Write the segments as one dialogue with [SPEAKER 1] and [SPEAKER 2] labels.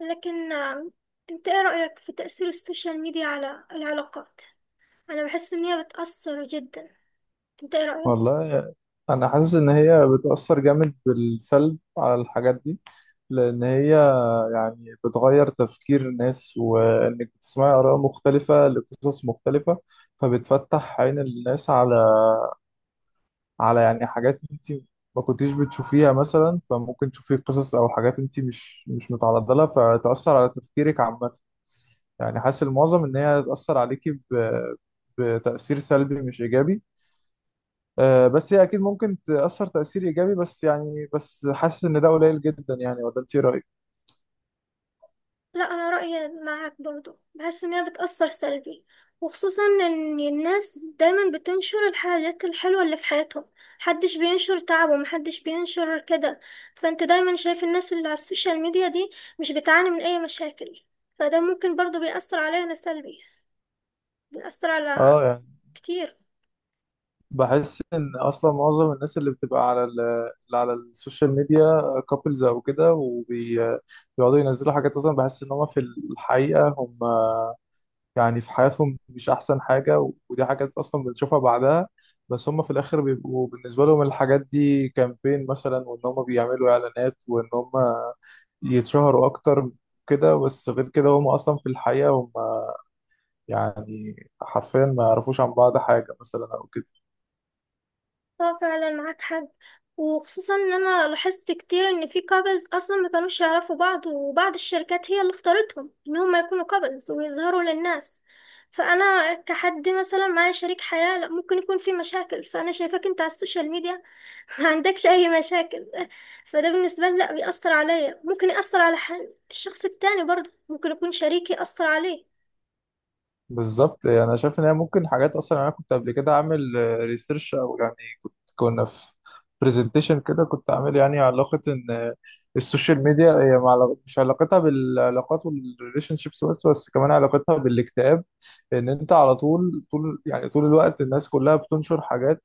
[SPEAKER 1] لكن انت ايه رأيك في تأثير السوشيال ميديا على العلاقات؟ انا بحس ان هي بتأثر جدا. انت ايه رأيك؟
[SPEAKER 2] والله، انا حاسس ان هي بتأثر جامد بالسلب على الحاجات دي. لان هي يعني بتغير تفكير الناس، وانك بتسمعي اراء مختلفة لقصص مختلفة. فبتفتح عين الناس على يعني حاجات انت ما كنتيش بتشوفيها مثلا. فممكن تشوفي قصص او حاجات انت مش متعرضة لها، فتأثر على تفكيرك عامة. يعني حاسس المعظم ان هي هتأثر عليكي بتأثير سلبي مش ايجابي. بس هي اكيد ممكن تاثر تاثير ايجابي. بس يعني حاسس ان ده قليل جدا يعني. ولا انت إيه رايك؟
[SPEAKER 1] لا انا رأيي معاك برضو، بحس ان هي بتأثر سلبي. وخصوصا ان الناس دايما بتنشر الحاجات الحلوة اللي في حياتهم، محدش بينشر تعبه، محدش بينشر كده. فانت دايما شايف الناس اللي على السوشيال ميديا دي مش بتعاني من اي مشاكل، فده ممكن برضو بيأثر علينا سلبي، بيأثر على
[SPEAKER 2] اه يعني
[SPEAKER 1] كتير.
[SPEAKER 2] بحس ان اصلا معظم الناس اللي بتبقى اللي على السوشيال ميديا، كابلز او كده، وبيقعدوا ينزلوا حاجات. اصلا بحس ان هم في الحقيقه هم يعني في حياتهم مش أحسن حاجة، ودي حاجات أصلا بنشوفها بعدها. بس هم في الآخر بيبقوا بالنسبة لهم الحاجات دي كامبين مثلا، وإن هم بيعملوا إعلانات، وإن هم يتشهروا أكتر كده. بس غير كده، هم أصلا في الحقيقة هم يعني حرفيا ما يعرفوش عن بعض حاجة مثلا أو كده.
[SPEAKER 1] اه فعلا معاك حق. وخصوصا ان انا لاحظت كتير ان في كابلز اصلا ما كانوش يعرفوا بعض، وبعض الشركات هي اللي اختارتهم ان هم يكونوا كابلز ويظهروا للناس. فانا كحد مثلا معايا شريك حياة لا ممكن يكون في مشاكل، فانا شايفاك انت على السوشيال ميديا ما عندكش اي مشاكل، فده بالنسبة لي لا بيأثر عليا. ممكن يأثر على الشخص التاني برضه، ممكن يكون شريكي أثر عليه.
[SPEAKER 2] بالظبط، يعني أنا شايف إن هي ممكن حاجات أصلا. يعني أنا كنت قبل كده أعمل ريسيرش، أو يعني كنا في برزنتيشن كده، كنت عامل يعني علاقة إن السوشيال ميديا هي مش علاقتها بالعلاقات والريليشن شيبس بس بس كمان علاقتها بالاكتئاب. إن أنت على طول يعني طول الوقت الناس كلها بتنشر حاجات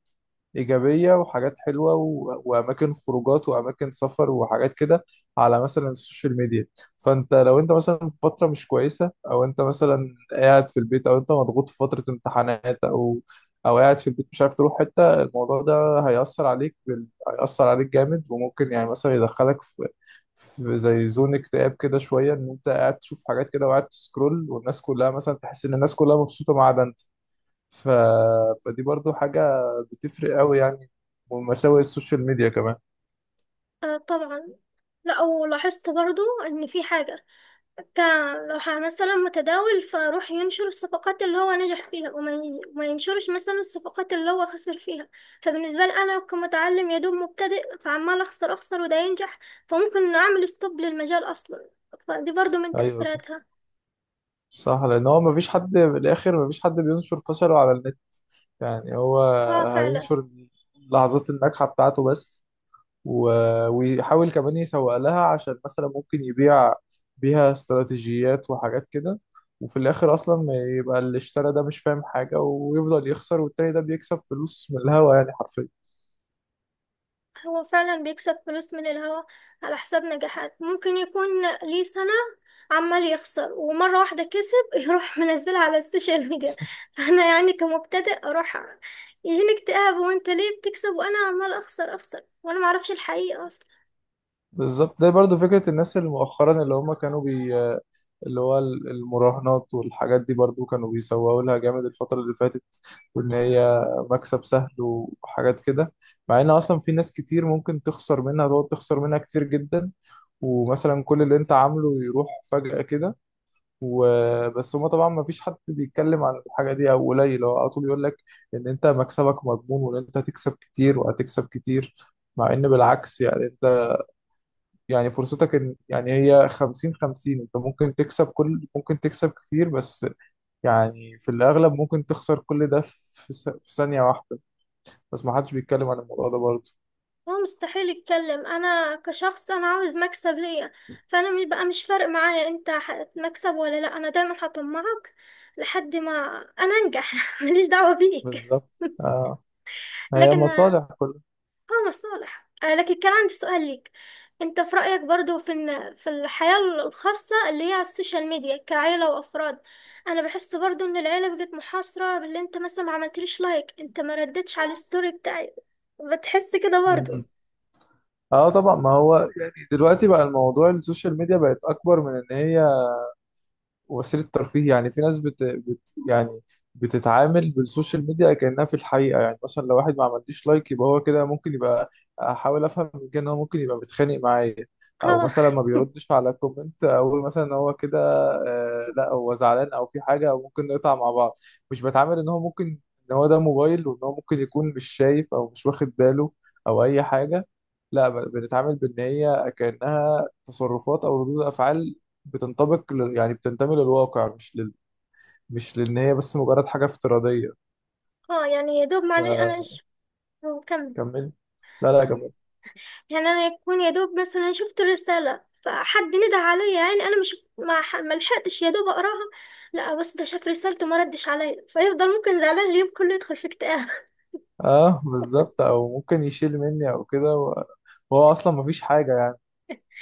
[SPEAKER 2] إيجابية وحاجات حلوة، وأماكن خروجات وأماكن سفر وحاجات كده على مثلا السوشيال ميديا. فأنت لو أنت مثلا في فترة مش كويسة، أو أنت مثلا قاعد في البيت، أو أنت مضغوط في فترة امتحانات، أو أو قاعد في البيت مش عارف تروح حتة، الموضوع ده هيأثر عليك جامد. وممكن يعني مثلا يدخلك في في زي زون اكتئاب كده شوية، ان انت قاعد تشوف حاجات كده وقاعد تسكرول، والناس كلها مثلا، تحس ان الناس كلها مبسوطة ما عدا انت. ف... فدي برضو حاجة بتفرق قوي يعني، ومساوئ السوشيال ميديا كمان.
[SPEAKER 1] آه طبعا. لا ولاحظت برضه ان في حاجة كلو مثلا متداول، فاروح ينشر الصفقات اللي هو نجح فيها وما ينشرش مثلا الصفقات اللي هو خسر فيها. فبالنسبة لي أنا كمتعلم يا دوب مبتدئ، فعمال أخسر وده ينجح، فممكن أعمل ستوب للمجال أصلا. فدي برضو من
[SPEAKER 2] ايوه، صح،
[SPEAKER 1] تأثيراتها.
[SPEAKER 2] صح. لان هو مفيش حد في الاخر مفيش حد بينشر فشله على النت. يعني هو
[SPEAKER 1] اه فعلا.
[SPEAKER 2] هينشر اللحظات الناجحة بتاعته بس، ويحاول كمان يسوق لها عشان مثلا ممكن يبيع بيها استراتيجيات وحاجات كده. وفي الاخر اصلا ما يبقى اللي اشترى ده مش فاهم حاجه ويفضل يخسر، والتاني ده بيكسب فلوس من الهوا يعني حرفيا.
[SPEAKER 1] هو فعلا بيكسب فلوس من الهوا، على حساب نجاحات ممكن يكون ليه سنة عمال يخسر ومرة واحدة كسب، يروح منزلها على السوشيال ميديا. فأنا يعني كمبتدئ أروح يجيني اكتئاب، وانت ليه بتكسب وأنا عمال أخسر، وأنا معرفش الحقيقة أصلا.
[SPEAKER 2] بالظبط، زي برضو فكره الناس اللي مؤخرا اللي هم كانوا بي اللي هو المراهنات والحاجات دي، برضو كانوا بيسوقوا لها جامد الفتره اللي فاتت. وان هي مكسب سهل وحاجات كده، مع ان اصلا في ناس كتير ممكن تخسر منها، تقعد تخسر منها كتير جدا. ومثلا كل اللي انت عامله يروح فجأة كده. وبس هما طبعا ما فيش حد بيتكلم عن الحاجة دي، او قليل. هو على طول يقول لك ان انت مكسبك مضمون، وان انت هتكسب كتير وهتكسب كتير. مع ان بالعكس، يعني انت يعني فرصتك ان يعني هي 50/50. انت ممكن تكسب كل ممكن تكسب كتير، بس يعني في الاغلب ممكن تخسر كل ده في ثانية واحدة. بس ما حدش بيتكلم عن الموضوع ده برضه.
[SPEAKER 1] هو مستحيل يتكلم. أنا كشخص أنا عاوز مكسب ليا، فأنا بقى مش فارق معايا انت هتكسب ولا لأ، أنا دايما هطمعك لحد ما أنا أنجح ماليش دعوة بيك.
[SPEAKER 2] بالظبط. آه. هي
[SPEAKER 1] لكن
[SPEAKER 2] مصالح
[SPEAKER 1] اه مصالح. آه، لكن كان عندي سؤال ليك. انت في رأيك برضو في ان في الحياة الخاصة اللي هي على السوشيال ميديا كعيلة وافراد، انا بحس برضو ان العيلة بقت محاصرة باللي انت مثلا ما عملتليش لايك، انت ما ردتش على الستوري بتاعي. بتحس كده برضو؟
[SPEAKER 2] كلها. اه، طبعا. ما هو يعني دلوقتي بقى الموضوع، السوشيال ميديا بقت اكبر من ان هي وسيلة ترفيه. يعني في ناس يعني بتتعامل بالسوشيال ميديا كأنها في الحقيقة. يعني مثلا لو واحد ما عمليش لايك، يبقى هو كده ممكن يبقى، أحاول أفهم من كده إن هو ممكن يبقى متخانق معايا. أو
[SPEAKER 1] اه.
[SPEAKER 2] مثلا ما بيردش على كومنت، أقول مثلا إن هو كده لا، هو زعلان أو في حاجة أو ممكن نقطع مع بعض. مش بتعامل إن هو ممكن، إن هو ده موبايل، وإن هو ممكن يكون مش شايف أو مش واخد باله أو أي حاجة. لا، بنتعامل بإن هي كأنها تصرفات أو ردود أفعال يعني بتنتمي للواقع، مش لان هي بس مجرد حاجه افتراضيه.
[SPEAKER 1] اه يعني يا دوب معلش انا مش، هو كمل.
[SPEAKER 2] فكمل. لا، لا،
[SPEAKER 1] آه.
[SPEAKER 2] كمل.
[SPEAKER 1] يعني انا يكون يا دوب مثلا شفت الرساله فحد ندى عليا، يعني انا مش ما لحقتش يا دوب اقراها. لا بس ده شاف رسالته ما ردش عليا، فيفضل ممكن زعلان اليوم كله يدخل في اكتئاب.
[SPEAKER 2] اه، بالظبط. او ممكن يشيل مني او كده وهو اصلا مفيش حاجه يعني.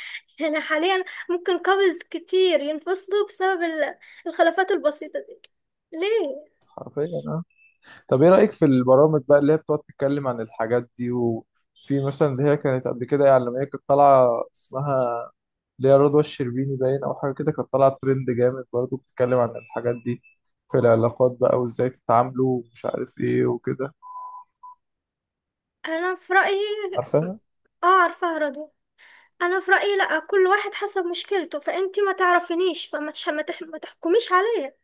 [SPEAKER 1] يعني حاليا ممكن كابلز كتير ينفصلوا بسبب الخلافات البسيطه دي. ليه؟
[SPEAKER 2] حرفيا، اه. طب ايه رايك في البرامج بقى اللي هي بتقعد تتكلم عن الحاجات دي؟ وفي مثلا اللي هي كانت قبل كده يعني، لما هي كانت طالعه، اسمها اللي هي رضوى الشربيني باين او حاجه كده، كانت طالعه ترند جامد برضه بتتكلم عن الحاجات دي في العلاقات بقى، وازاي تتعاملوا ومش عارف ايه وكده.
[SPEAKER 1] انا في رايي.
[SPEAKER 2] عارفه؟
[SPEAKER 1] اه عارفه هرده. انا في رايي لا، كل واحد حسب مشكلته، فانتي ما تعرفينيش فما تش- ما تح- ما تحكميش عليا.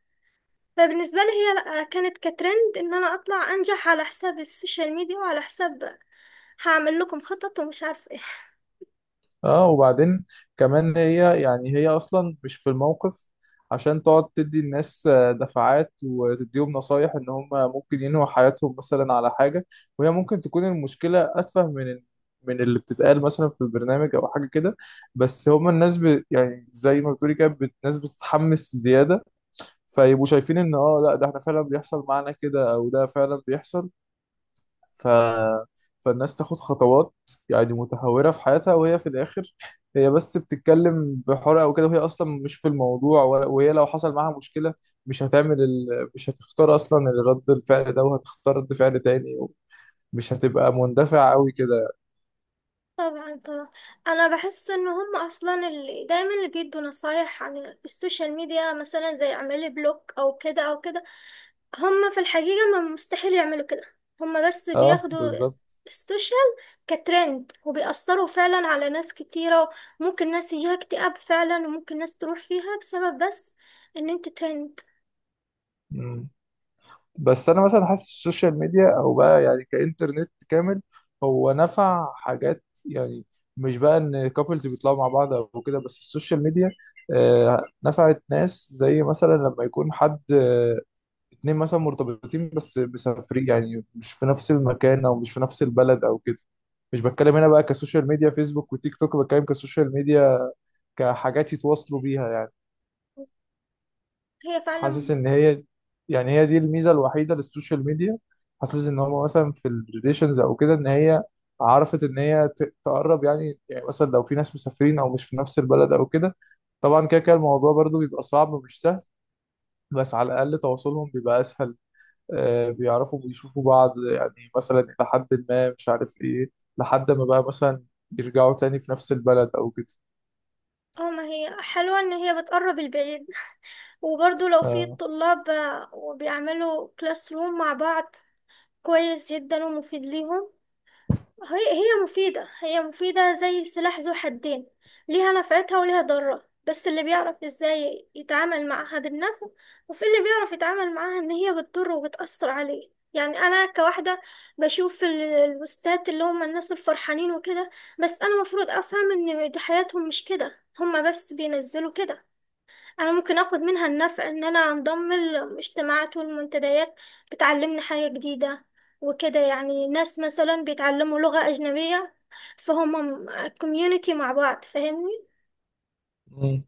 [SPEAKER 1] فبالنسبة لي هي لأ، كانت كترند ان انا اطلع انجح على حساب السوشيال ميديا، وعلى حساب هعمل لكم خطط ومش عارف ايه.
[SPEAKER 2] اه، وبعدين كمان هي يعني هي اصلا مش في الموقف عشان تقعد تدي الناس دفعات وتديهم نصايح ان هم ممكن ينهوا حياتهم مثلا على حاجة. وهي ممكن تكون المشكلة اتفه من اللي بتتقال مثلا في البرنامج او حاجة كده. بس هم الناس يعني زي ما بتقولي كده الناس بتتحمس زيادة. فيبقوا شايفين ان لا، ده احنا فعلا بيحصل معانا كده، او ده فعلا بيحصل. ف... فالناس تاخد خطوات يعني متهورة في حياتها. وهي في الآخر هي بس بتتكلم بحرقة وكده، وهي أصلا مش في الموضوع. وهي لو حصل معاها مشكلة مش هتعمل ال... مش هتختار أصلا الرد الفعل ده، وهتختار رد فعل تاني، ومش هتبقى مندفع قوي كده.
[SPEAKER 1] طبعا طبعا. انا بحس ان هم اصلا اللي دايما اللي بيدوا نصايح عن السوشيال ميديا مثلا زي اعملي بلوك او كده او كده، هم في الحقيقة ما مستحيل يعملوا كده. هم بس
[SPEAKER 2] اه،
[SPEAKER 1] بياخدوا
[SPEAKER 2] بالظبط.
[SPEAKER 1] السوشيال كترند، وبيأثروا فعلا على ناس كتيرة. ممكن ناس يجيها اكتئاب فعلا، وممكن ناس تروح فيها بسبب بس ان انت ترند.
[SPEAKER 2] بس انا مثلا حاسس السوشيال ميديا، او بقى يعني كانترنت كامل، هو نفع حاجات يعني. مش بقى ان كابلز بيطلعوا مع بعض او كده بس. السوشيال ميديا نفعت ناس، زي مثلا لما يكون حد اتنين مثلا مرتبطين بس مسافرين، يعني مش في نفس المكان او مش في نفس البلد او كده. مش بتكلم هنا بقى كسوشيال ميديا فيسبوك وتيك توك، بتكلم كسوشيال ميديا، كحاجات يتواصلوا بيها يعني.
[SPEAKER 1] هي
[SPEAKER 2] حاسس
[SPEAKER 1] فعلا.
[SPEAKER 2] ان هي يعني هي دي الميزه الوحيده للسوشيال ميديا. حاسس ان هو مثلا في الريليشنز او كده، ان هي عرفت ان هي تقرب يعني مثلا لو في ناس مسافرين او مش في نفس البلد او كده. طبعا كده كده الموضوع برضو بيبقى صعب ومش سهل، بس على الاقل تواصلهم بيبقى اسهل. آه، بيعرفوا بيشوفوا بعض يعني مثلا الى حد ما، مش عارف ايه، لحد ما بقى مثلا يرجعوا تاني في نفس البلد او كده.
[SPEAKER 1] اه ما هي حلوة ان هي بتقرب البعيد. وبرضو لو في
[SPEAKER 2] آه.
[SPEAKER 1] الطلاب آه، وبيعملوا كلاس روم مع بعض، كويس جدا ومفيد ليهم. هي مفيدة، هي مفيدة زي سلاح ذو حدين. ليها نفعتها وليها ضرها، بس اللي بيعرف ازاي يتعامل معاها بالنفع، وفي اللي بيعرف يتعامل معاها ان هي بتضره وبتأثر عليه. يعني انا كواحدة بشوف البوستات اللي هم الناس الفرحانين وكده، بس انا مفروض افهم ان دي حياتهم مش كده، هم بس بينزلوا كده. انا ممكن اخد منها النفع ان انا انضم الاجتماعات والمنتديات بتعلمني حاجة جديدة، وكده يعني ناس مثلا بيتعلموا لغة اجنبية، فهم كوميونيتي مع بعض، فاهمني؟
[SPEAKER 2] مم.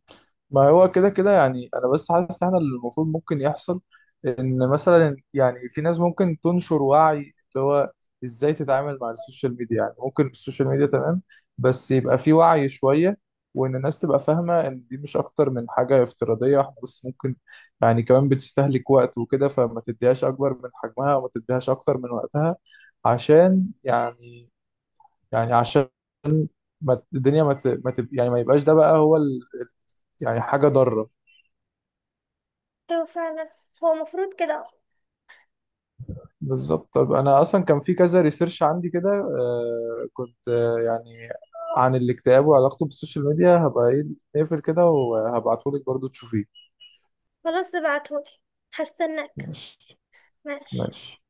[SPEAKER 2] ما هو كده كده يعني، انا بس حاسس ان احنا اللي المفروض ممكن يحصل، ان مثلا يعني في ناس ممكن تنشر وعي اللي هو ازاي تتعامل مع السوشيال ميديا. يعني ممكن السوشيال ميديا تمام، بس يبقى في وعي شوية، وان الناس تبقى فاهمة ان دي مش اكتر من حاجة افتراضية. احنا بس ممكن، يعني كمان بتستهلك وقت وكده، فما تديهاش اكبر من حجمها وما تديهاش اكتر من وقتها، عشان يعني يعني عشان ما الدنيا ما ت... ما تب... يعني ما يبقاش ده بقى هو يعني حاجة ضارة.
[SPEAKER 1] ايوه فعلا. هو مفروض كده.
[SPEAKER 2] بالظبط. طب أنا أصلا كان في كذا ريسيرش عندي كده، كنت يعني عن الاكتئاب وعلاقته بالسوشيال ميديا. هبقى إيه نقفل كده وهبعتهولك برضو تشوفيه.
[SPEAKER 1] خلاص ابعتهولي، هستناك.
[SPEAKER 2] ماشي.
[SPEAKER 1] ماشي.
[SPEAKER 2] ماشي.